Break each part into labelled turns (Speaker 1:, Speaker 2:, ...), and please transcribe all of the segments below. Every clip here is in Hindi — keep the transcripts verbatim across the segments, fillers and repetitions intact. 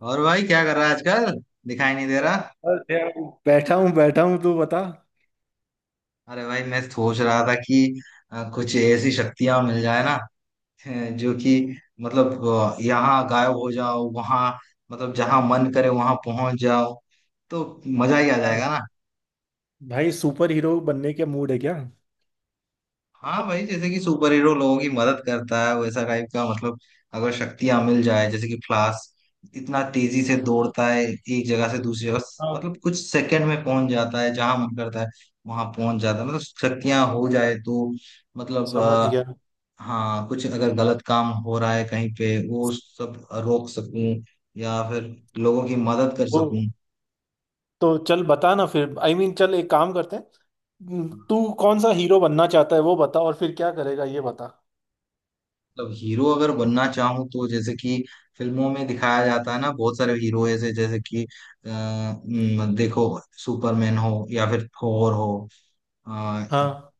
Speaker 1: और भाई क्या कर रहा है आजकल? दिखाई नहीं दे रहा।
Speaker 2: और यार, बैठा हूँ बैठा हूँ तू बता।
Speaker 1: अरे भाई मैं सोच रहा था कि अ, कुछ ऐसी शक्तियां मिल जाए ना। अ, जो कि मतलब अ, यहाँ गायब हो जाओ वहां। मतलब जहां मन करे वहां पहुंच जाओ। तो मजा ही आ जाएगा ना।
Speaker 2: क्या- भाई, सुपर हीरो बनने के मूड है क्या?
Speaker 1: हाँ भाई जैसे कि सुपर हीरो लोगों की मदद करता है वैसा टाइप का मतलब अगर शक्तियां मिल जाए जैसे कि फ्लाश इतना तेजी से दौड़ता है एक जगह से दूसरी जगह।
Speaker 2: हाँ,
Speaker 1: मतलब कुछ सेकंड में पहुंच जाता है जहां मन करता है वहां पहुंच जाता है। मतलब शक्तियां हो जाए तो मतलब
Speaker 2: समझ
Speaker 1: आ,
Speaker 2: गया।
Speaker 1: हाँ कुछ अगर गलत काम हो रहा है कहीं पे वो सब रोक सकूं या फिर लोगों की मदद कर
Speaker 2: वो
Speaker 1: सकूं।
Speaker 2: तो चल बता ना फिर। आई I मीन mean, चल, एक काम करते हैं, तू कौन सा हीरो बनना चाहता है वो बता और फिर क्या करेगा ये बता।
Speaker 1: मतलब हीरो अगर बनना चाहूँ तो जैसे कि फिल्मों में दिखाया जाता है ना, बहुत सारे हीरो ऐसे जैसे कि अ, न, देखो सुपरमैन हो या फिर थोर हो। अ,
Speaker 2: हाँ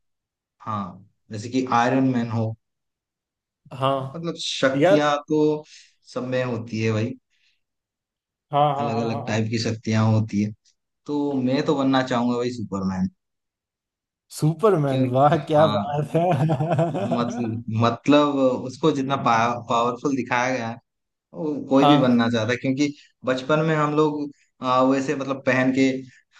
Speaker 1: हाँ, जैसे कि आयरन मैन हो।
Speaker 2: हाँ
Speaker 1: मतलब
Speaker 2: यार,
Speaker 1: शक्तियां तो सब में होती है भाई।
Speaker 2: हाँ हाँ
Speaker 1: अलग
Speaker 2: हाँ हाँ
Speaker 1: अलग
Speaker 2: हाँ।
Speaker 1: टाइप की शक्तियां होती है। तो मैं तो बनना चाहूंगा भाई सुपरमैन। क्यों?
Speaker 2: सुपरमैन? वाह, क्या
Speaker 1: हाँ।
Speaker 2: बात है!
Speaker 1: मतलब मतलब उसको जितना पा, पावरफुल दिखाया गया है वो कोई भी
Speaker 2: हाँ।
Speaker 1: बनना चाहता है क्योंकि बचपन में हम लोग आ, वैसे मतलब पहन के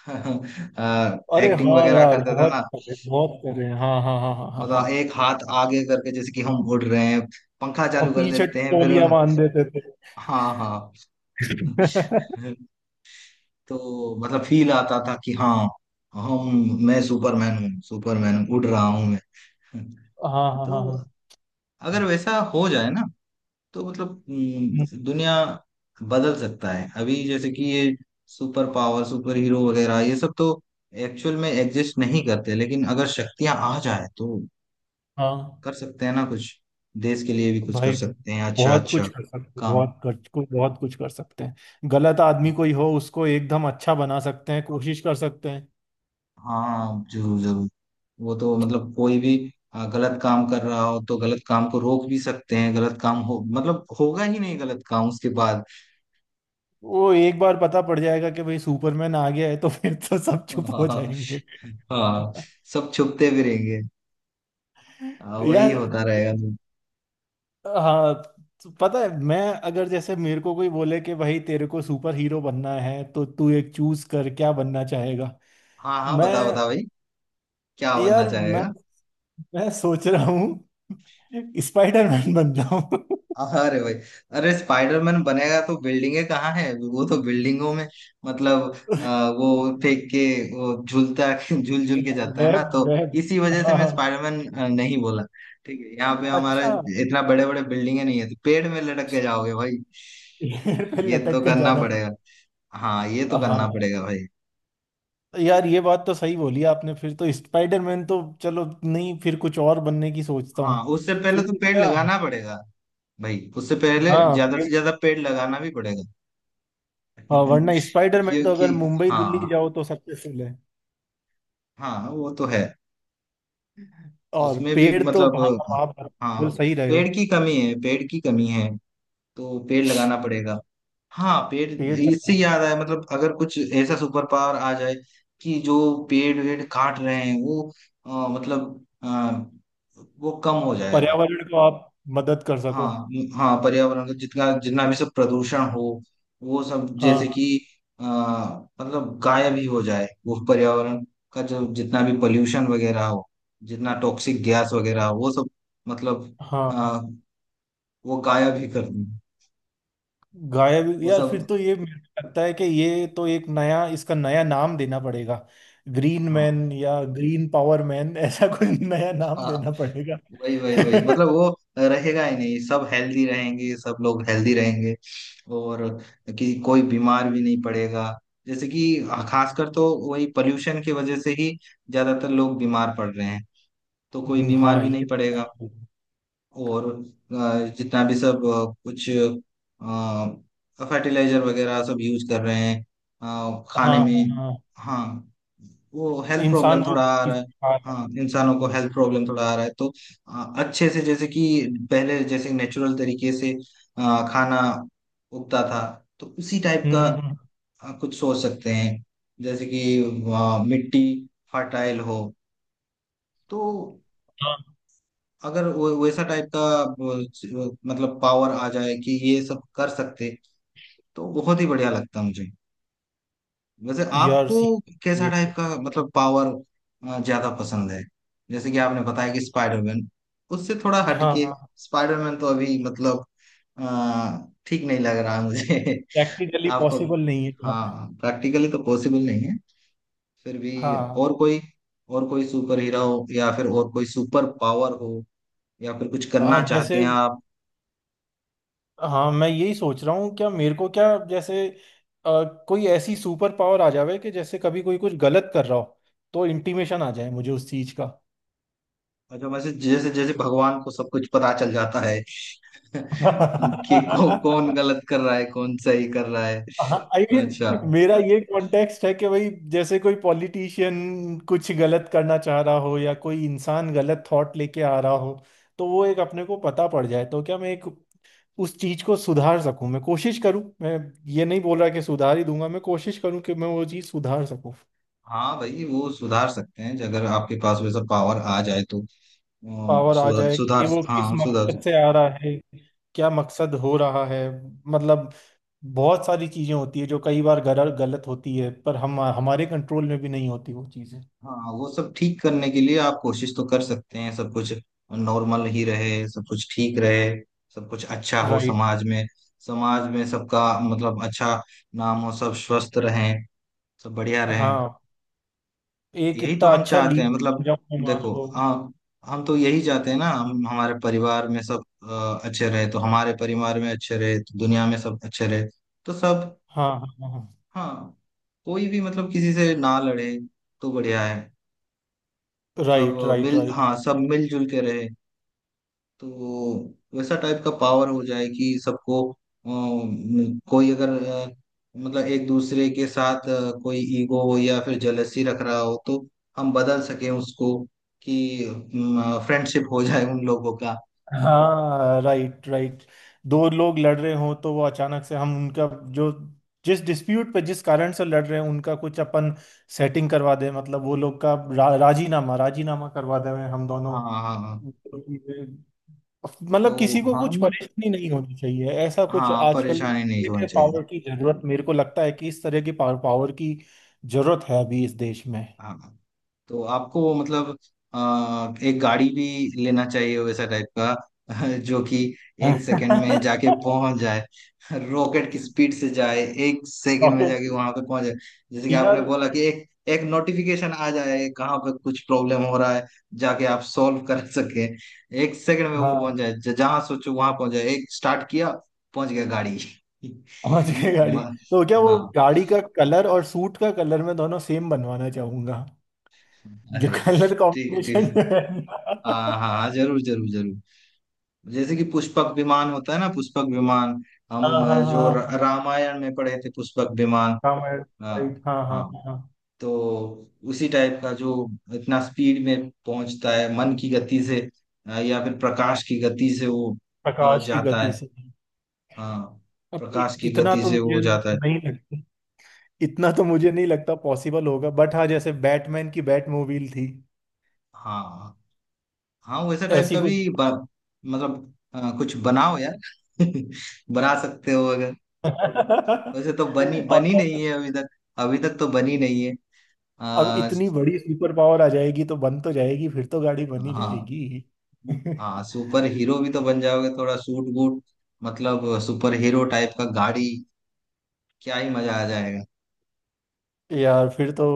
Speaker 2: अरे
Speaker 1: एक्टिंग
Speaker 2: हाँ
Speaker 1: वगैरह
Speaker 2: यार,
Speaker 1: करते थे
Speaker 2: बहुत
Speaker 1: ना।
Speaker 2: करे बहुत करे, हाँ हाँ हाँ हाँ हाँ
Speaker 1: मतलब
Speaker 2: हाँ।
Speaker 1: एक हाथ आगे करके जैसे कि हम उड़ रहे हैं, पंखा
Speaker 2: और
Speaker 1: चालू कर
Speaker 2: पीछे
Speaker 1: देते हैं फिर।
Speaker 2: तौलिया बांध देते थे।
Speaker 1: हाँ हाँ। तो मतलब फील आता था कि हाँ, हम मैं सुपरमैन हूँ, सुपरमैन उड़ रहा हूँ मैं।
Speaker 2: हाँ हाँ हाँ
Speaker 1: तो
Speaker 2: हाँ।
Speaker 1: अगर वैसा हो जाए ना तो मतलब
Speaker 2: हम्म।
Speaker 1: हम्म, दुनिया बदल सकता है। अभी जैसे कि ये सुपर पावर सुपर हीरो वगैरह ये सब तो एक्चुअल में एग्जिस्ट नहीं करते, लेकिन अगर शक्तियां आ जाए तो
Speaker 2: हाँ
Speaker 1: कर सकते हैं ना कुछ। देश के लिए भी कुछ कर
Speaker 2: भाई,
Speaker 1: सकते हैं। अच्छा
Speaker 2: बहुत
Speaker 1: अच्छा
Speaker 2: कुछ कर सकते,
Speaker 1: काम।
Speaker 2: बहुत कर कुछ, बहुत कुछ कर सकते हैं। गलत आदमी कोई हो उसको एकदम अच्छा बना सकते हैं, कोशिश कर सकते हैं।
Speaker 1: हाँ जरूर जरूर। वो तो मतलब कोई भी आ, गलत काम कर रहा हो तो गलत काम को रोक भी सकते हैं। गलत काम हो मतलब होगा ही नहीं गलत काम उसके बाद।
Speaker 2: वो एक बार पता पड़ जाएगा कि भाई सुपरमैन आ गया है तो फिर तो सब चुप हो
Speaker 1: हाँ
Speaker 2: जाएंगे।
Speaker 1: हाँ। सब छुपते भी रहेंगे। हाँ वही
Speaker 2: यार,
Speaker 1: होता रहेगा तो।
Speaker 2: हाँ, तो पता है मैं, अगर जैसे मेरे को कोई बोले कि भाई तेरे को सुपर हीरो बनना है तो तू एक चूज कर, क्या बनना चाहेगा?
Speaker 1: हाँ हाँ
Speaker 2: मैं
Speaker 1: बताओ बताओ भाई, क्या बनना
Speaker 2: यार मैं
Speaker 1: चाहेगा?
Speaker 2: मैं सोच रहा हूँ। स्पाइडरमैन बन जाऊं
Speaker 1: अरे भाई, अरे स्पाइडरमैन बनेगा तो बिल्डिंगे कहाँ है? वो तो बिल्डिंगों में मतलब आ, वो फेंक के, वो झूलता झूल झूल के जाता है
Speaker 2: मैं।
Speaker 1: ना, तो
Speaker 2: मैं
Speaker 1: इसी वजह से
Speaker 2: हाँ
Speaker 1: मैं
Speaker 2: हाँ।
Speaker 1: स्पाइडरमैन अ, नहीं बोला। ठीक है, यहाँ पे हमारा
Speaker 2: अच्छा।
Speaker 1: इतना बड़े बड़े बिल्डिंगे नहीं है तो पेड़ में लटक के जाओगे भाई।
Speaker 2: फिर
Speaker 1: ये तो
Speaker 2: लटक के
Speaker 1: करना
Speaker 2: जाना पड़ा।
Speaker 1: पड़ेगा। हाँ ये तो करना
Speaker 2: हाँ
Speaker 1: पड़ेगा भाई।
Speaker 2: यार, ये बात तो सही बोली आपने, फिर तो स्पाइडरमैन तो चलो नहीं, फिर कुछ और बनने की सोचता
Speaker 1: हाँ
Speaker 2: हूँ।
Speaker 1: उससे पहले
Speaker 2: फिर
Speaker 1: तो
Speaker 2: तो
Speaker 1: पेड़
Speaker 2: क्या।
Speaker 1: लगाना पड़ेगा। भाई उससे पहले ज्यादा
Speaker 2: हाँ।
Speaker 1: से ज्यादा पेड़ लगाना भी पड़ेगा।
Speaker 2: और
Speaker 1: हम्म।
Speaker 2: वरना स्पाइडरमैन तो अगर
Speaker 1: क्योंकि
Speaker 2: मुंबई दिल्ली
Speaker 1: हाँ,
Speaker 2: जाओ तो सक्सेसफुल है।
Speaker 1: हाँ वो तो है।
Speaker 2: और
Speaker 1: उसमें भी
Speaker 2: पेड़ तो हाँ,
Speaker 1: मतलब,
Speaker 2: आप
Speaker 1: हाँ,
Speaker 2: बिल्कुल सही रहे हो।
Speaker 1: पेड़ की कमी है, पेड़ की कमी है तो पेड़ लगाना पड़ेगा। हाँ पेड़,
Speaker 2: पेड़
Speaker 1: इससे
Speaker 2: लगाओ,
Speaker 1: याद आया, मतलब अगर कुछ ऐसा सुपर पावर आ जाए कि जो पेड़ वेड़ काट रहे हैं वो अ, मतलब अ, वो कम हो जाएगा।
Speaker 2: पर्यावरण को आप मदद कर सको।
Speaker 1: हाँ हाँ, पर्यावरण का जितना जितना भी सब प्रदूषण हो वो सब
Speaker 2: हाँ
Speaker 1: जैसे कि आ, मतलब गायब ही हो जाए, वो पर्यावरण का जो जितना भी पोल्यूशन वगैरह हो, जितना टॉक्सिक गैस वगैरह हो वो सब मतलब,
Speaker 2: हाँ।
Speaker 1: हाँ, वो गायब ही कर दें
Speaker 2: गायब?
Speaker 1: वो
Speaker 2: यार फिर
Speaker 1: सब।
Speaker 2: तो ये मेरे को लगता है कि ये तो एक नया, इसका नया नाम देना पड़ेगा। ग्रीन मैन या ग्रीन पावर मैन, ऐसा कोई नया नाम
Speaker 1: हाँ
Speaker 2: देना पड़ेगा।
Speaker 1: वही वही वही मतलब वो रहेगा ही नहीं, सब हेल्दी रहेंगे, सब लोग हेल्दी रहेंगे और कि कोई बीमार भी नहीं पड़ेगा। जैसे कि खासकर तो वही पोल्यूशन की वजह से ही ज्यादातर लोग बीमार पड़ रहे हैं तो कोई बीमार
Speaker 2: हाँ,
Speaker 1: भी
Speaker 2: ये
Speaker 1: नहीं
Speaker 2: तो
Speaker 1: पड़ेगा।
Speaker 2: सही बोल रहे हो।
Speaker 1: और अ, जितना भी सब अ, कुछ फर्टिलाइजर वगैरह सब यूज कर रहे हैं अ, खाने
Speaker 2: हाँ हाँ
Speaker 1: में।
Speaker 2: हाँ।
Speaker 1: हाँ वो हेल्थ प्रॉब्लम
Speaker 2: इंसान वो
Speaker 1: थोड़ा आ रहा
Speaker 2: चीज़
Speaker 1: है।
Speaker 2: खा रहा
Speaker 1: हाँ
Speaker 2: है।
Speaker 1: इंसानों को हेल्थ प्रॉब्लम थोड़ा आ रहा है तो अ, अच्छे से जैसे कि पहले जैसे नेचुरल तरीके से अ, खाना उगता था, तो उसी टाइप
Speaker 2: हम्म
Speaker 1: का
Speaker 2: हम्म, हम्म।
Speaker 1: अ, कुछ सोच सकते हैं। जैसे कि अ, मिट्टी फर्टाइल हो, तो अगर वो वैसा टाइप का वो, च- मतलब पावर आ जाए कि ये सब कर सकते, तो बहुत ही बढ़िया लगता मुझे। वैसे
Speaker 2: यार
Speaker 1: आपको
Speaker 2: सी,
Speaker 1: कैसा
Speaker 2: ये तो।
Speaker 1: टाइप का मतलब पावर अ, ज्यादा पसंद है? जैसे कि आपने बताया कि स्पाइडरमैन, उससे थोड़ा
Speaker 2: हाँ
Speaker 1: हटके।
Speaker 2: हाँ,
Speaker 1: स्पाइडरमैन तो अभी मतलब अ, ठीक नहीं लग रहा है मुझे।
Speaker 2: प्रैक्टिकली
Speaker 1: आपको,
Speaker 2: पॉसिबल नहीं है यहाँ पे।
Speaker 1: हाँ, प्रैक्टिकली तो पॉसिबल नहीं है, फिर भी
Speaker 2: हाँ
Speaker 1: और कोई और कोई सुपर हीरो हो या फिर और कोई सुपर पावर हो, या फिर कुछ
Speaker 2: हाँ
Speaker 1: करना चाहते
Speaker 2: जैसे,
Speaker 1: हैं आप?
Speaker 2: हाँ मैं यही सोच रहा हूँ क्या मेरे को, क्या जैसे अ, कोई ऐसी सुपर पावर आ जावे कि जैसे कभी कोई कुछ गलत कर रहा हो तो इंटीमेशन आ जाए मुझे उस चीज का।
Speaker 1: अच्छा, वैसे जैसे जैसे भगवान को सब कुछ पता चल जाता है कि कौ, कौन गलत कर रहा है कौन सही कर रहा है।
Speaker 2: आई
Speaker 1: अच्छा।
Speaker 2: मीन, मेरा ये कॉन्टेक्स्ट है कि भाई, जैसे कोई पॉलिटिशियन कुछ गलत करना चाह रहा हो या कोई इंसान गलत थॉट लेके आ रहा हो, तो वो एक अपने को पता पड़ जाए, तो क्या मैं एक उस चीज को सुधार सकूं, मैं कोशिश करूं मैं। ये नहीं बोल रहा कि सुधार ही दूंगा, मैं कोशिश करूं कि मैं वो चीज सुधार सकूं।
Speaker 1: हाँ भाई वो सुधार सकते हैं अगर आपके पास वैसा पावर आ जाए तो। अम,
Speaker 2: पावर आ
Speaker 1: सुधार
Speaker 2: जाए कि
Speaker 1: सुधार,
Speaker 2: वो किस
Speaker 1: हाँ सुधार।
Speaker 2: मकसद से आ रहा है, क्या मकसद हो रहा है, मतलब। बहुत सारी चीजें होती है जो कई बार गलत गलत होती है, पर हम हमारे कंट्रोल में भी नहीं होती वो चीजें।
Speaker 1: हाँ वो सब ठीक करने के लिए आप कोशिश तो कर सकते हैं, सब कुछ नॉर्मल ही रहे, सब कुछ ठीक रहे, सब कुछ अच्छा हो
Speaker 2: राइट।
Speaker 1: समाज में। समाज में सबका मतलब अच्छा नाम हो, सब स्वस्थ रहें, सब बढ़िया रहें।
Speaker 2: हाँ, एक
Speaker 1: यही तो
Speaker 2: इतना
Speaker 1: हम
Speaker 2: अच्छा
Speaker 1: चाहते हैं
Speaker 2: लीडर
Speaker 1: मतलब,
Speaker 2: बन जाऊं मैं, मान
Speaker 1: देखो
Speaker 2: लो।
Speaker 1: हम हम तो यही चाहते हैं ना, हम हमारे परिवार में सब अ, अच्छे रहे, तो हमारे परिवार में अच्छे रहे तो दुनिया में सब अच्छे रहे। तो सब,
Speaker 2: हाँ हाँ हाँ हाँ।
Speaker 1: हाँ। कोई भी मतलब किसी से ना लड़े तो बढ़िया है। सब
Speaker 2: राइट राइट
Speaker 1: मिल, हाँ,
Speaker 2: राइट।
Speaker 1: सब मिलजुल के रहे, तो वैसा टाइप का पावर हो जाए कि सबको अम, कोई अगर अ, मतलब एक दूसरे के साथ अ, कोई ईगो या फिर जलसी रख रहा हो तो हम बदल सकें उसको कि फ्रेंडशिप हो जाए उन लोगों का।
Speaker 2: हाँ, राइट राइट। दो लोग लड़ रहे हों तो वो अचानक से हम उनका, जो जिस डिस्प्यूट पे जिस कारण से लड़ रहे हैं उनका कुछ अपन सेटिंग करवा दें, मतलब वो लोग का रा, राजीनामा, राजीनामा करवा दें हम दोनों।
Speaker 1: हाँ हाँ हाँ। तो
Speaker 2: मतलब किसी को
Speaker 1: हाँ
Speaker 2: कुछ
Speaker 1: बट,
Speaker 2: परेशानी नहीं होनी चाहिए, ऐसा कुछ।
Speaker 1: हाँ,
Speaker 2: आजकल इस
Speaker 1: परेशानी नहीं
Speaker 2: तरह
Speaker 1: होनी
Speaker 2: के
Speaker 1: चाहिए।
Speaker 2: पावर की जरूरत, मेरे को लगता है कि इस तरह की पावर, पावर की जरूरत है अभी इस देश में।
Speaker 1: हाँ हाँ। तो आपको मतलब आ, एक गाड़ी भी लेना चाहिए वैसा टाइप का जो कि एक सेकंड में जाके पहुंच जाए, रॉकेट की स्पीड से जाए, एक सेकंड में
Speaker 2: ओके,
Speaker 1: जाके वहां पे पहुंच जाए। जैसे कि
Speaker 2: यार,
Speaker 1: आपने बोला कि एक एक नोटिफिकेशन आ जाए कहाँ पे कुछ प्रॉब्लम हो रहा है, जाके आप सॉल्व कर सके, एक सेकंड में वो पहुंच
Speaker 2: हाँ,
Speaker 1: जाए, ज- जहाँ सोचो वहां पहुंच जाए, एक स्टार्ट किया पहुंच गया गाड़ी।
Speaker 2: समझ गए। गाड़ी
Speaker 1: म,
Speaker 2: तो क्या, वो
Speaker 1: हाँ,
Speaker 2: गाड़ी का कलर और सूट का कलर मैं दोनों सेम बनवाना चाहूंगा, जो
Speaker 1: अरे
Speaker 2: कलर
Speaker 1: ठीक
Speaker 2: कॉम्बिनेशन
Speaker 1: ठीक,
Speaker 2: है।
Speaker 1: हाँ हाँ जरूर जरूर जरूर। जैसे कि पुष्पक विमान होता है ना, पुष्पक विमान,
Speaker 2: हाँ
Speaker 1: हम
Speaker 2: हाँ
Speaker 1: अ, जो
Speaker 2: हाँ
Speaker 1: र-
Speaker 2: हाँ
Speaker 1: रामायण में पढ़े थे, पुष्पक विमान।
Speaker 2: हाँ, मैं
Speaker 1: हाँ
Speaker 2: राइट, हाँ हाँ
Speaker 1: हाँ।
Speaker 2: हाँ।
Speaker 1: तो उसी टाइप का जो इतना स्पीड में पहुंचता है मन की गति से अ, या फिर प्रकाश की गति से, वो अ,
Speaker 2: प्रकाश की
Speaker 1: जाता
Speaker 2: गति
Speaker 1: है।
Speaker 2: से?
Speaker 1: हाँ
Speaker 2: अब इत,
Speaker 1: प्रकाश की
Speaker 2: इतना
Speaker 1: गति
Speaker 2: तो
Speaker 1: से
Speaker 2: मुझे
Speaker 1: वो जाता है।
Speaker 2: नहीं लगता। इतना तो मुझे नहीं लगता पॉसिबल होगा, बट हाँ, जैसे बैटमैन की बैटमोबाइल थी,
Speaker 1: हाँ हाँ वैसा टाइप
Speaker 2: ऐसी
Speaker 1: का
Speaker 2: कुछ।
Speaker 1: भी ब- मतलब अ, कुछ बनाओ यार। बना सकते हो अगर। वैसे तो बनी
Speaker 2: और
Speaker 1: बनी नहीं है अभी तक, अभी तक तो बनी नहीं है।
Speaker 2: अब इतनी बड़ी सुपर पावर आ जाएगी तो बन तो जाएगी, फिर तो गाड़ी बन ही
Speaker 1: हाँ
Speaker 2: जाएगी।
Speaker 1: हाँ सुपर हीरो भी तो बन जाओगे, थोड़ा सूट बूट मतलब सुपर हीरो टाइप का गाड़ी, क्या ही मजा आ जाएगा।
Speaker 2: यार फिर तो,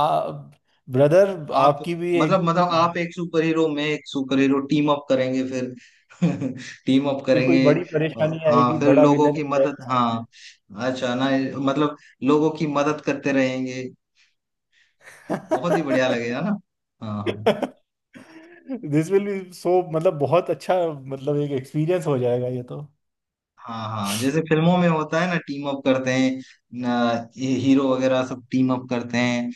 Speaker 2: आ, ब्रदर,
Speaker 1: आप
Speaker 2: आपकी भी एक।
Speaker 1: मतलब मतलब आप एक सुपर हीरो, मैं एक सुपर हीरो, टीम अप करेंगे फिर। टीम अप
Speaker 2: फिर कोई
Speaker 1: करेंगे।
Speaker 2: बड़ी परेशानी
Speaker 1: हाँ
Speaker 2: आएगी,
Speaker 1: फिर
Speaker 2: बड़ा
Speaker 1: लोगों
Speaker 2: विलन
Speaker 1: की मदद,
Speaker 2: आएगा।
Speaker 1: हाँ अच्छा ना, मतलब लोगों की मदद करते रहेंगे, बहुत ही बढ़िया लगेगा ना। हाँ हाँ
Speaker 2: दिस विल बी सो मतलब बहुत अच्छा, मतलब एक एक्सपीरियंस हो जाएगा ये तो।
Speaker 1: हाँ हाँ जैसे फिल्मों में होता है ना, टीम अप करते हैं ना, ये हीरो वगैरह सब टीम अप करते हैं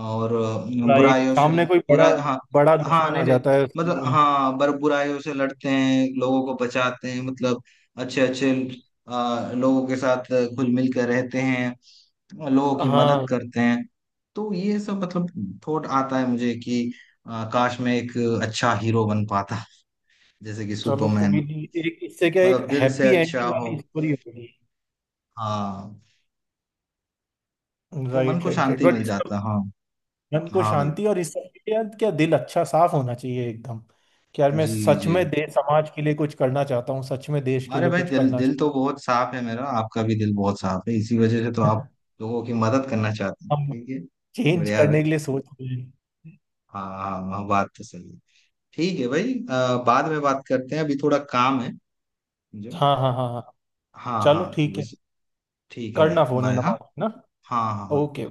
Speaker 1: और अ,
Speaker 2: राइट,
Speaker 1: बुराइयों से
Speaker 2: सामने कोई
Speaker 1: बुरा,
Speaker 2: बड़ा,
Speaker 1: हाँ,
Speaker 2: बड़ा
Speaker 1: हाँ
Speaker 2: दुश्मन आ
Speaker 1: नहीं नहीं
Speaker 2: जाता है
Speaker 1: मतलब,
Speaker 2: सामने।
Speaker 1: हाँ, बर बुराइयों से लड़ते हैं, लोगों को बचाते हैं, मतलब अच्छे अच्छे अ, लोगों के साथ घुल मिल कर रहते हैं, लोगों की मदद
Speaker 2: हाँ।
Speaker 1: करते हैं। तो ये सब मतलब थॉट आता है मुझे कि अ, काश मैं एक अच्छा हीरो बन पाता जैसे कि
Speaker 2: चलो कोई
Speaker 1: सुपरमैन।
Speaker 2: नहीं, एक इससे क्या, एक
Speaker 1: मतलब दिल से
Speaker 2: हैप्पी
Speaker 1: अच्छा
Speaker 2: एंडिंग
Speaker 1: हो,
Speaker 2: वाली स्टोरी होगी।
Speaker 1: हाँ, तो मन
Speaker 2: राइट
Speaker 1: को
Speaker 2: राइट राइट,
Speaker 1: शांति मिल जाता
Speaker 2: बट
Speaker 1: है। हाँ
Speaker 2: मन को
Speaker 1: हाँ भाई।
Speaker 2: शांति और इस सब के लिए यार क्या दिल अच्छा साफ होना चाहिए एकदम, कि यार मैं
Speaker 1: जी
Speaker 2: सच में
Speaker 1: जी।
Speaker 2: देश समाज के लिए कुछ करना चाहता हूँ, सच में देश के
Speaker 1: अरे
Speaker 2: लिए
Speaker 1: भाई
Speaker 2: कुछ
Speaker 1: दिल
Speaker 2: करना
Speaker 1: दिल
Speaker 2: चाहता
Speaker 1: तो बहुत साफ है मेरा, आपका भी दिल बहुत साफ है, इसी वजह से तो
Speaker 2: हूँ।
Speaker 1: आप लोगों की मदद करना चाहते हैं,
Speaker 2: हम
Speaker 1: ठीक है।
Speaker 2: चेंज
Speaker 1: बढ़िया है भाई।
Speaker 2: करने के लिए सोच रहे हैं।
Speaker 1: हाँ हाँ हाँ, बात तो सही है। ठीक है भाई, अ, बाद में बात करते हैं, अभी थोड़ा काम है मुझे।
Speaker 2: हाँ हाँ हाँ हाँ,
Speaker 1: हाँ
Speaker 2: चलो
Speaker 1: हाँ तो
Speaker 2: ठीक है।
Speaker 1: इस- ठीक है
Speaker 2: करना
Speaker 1: भाई,
Speaker 2: फोन है
Speaker 1: बाय।
Speaker 2: ना
Speaker 1: हाँ
Speaker 2: बाद में, ना।
Speaker 1: हाँ हाँ हाँ।
Speaker 2: ओके।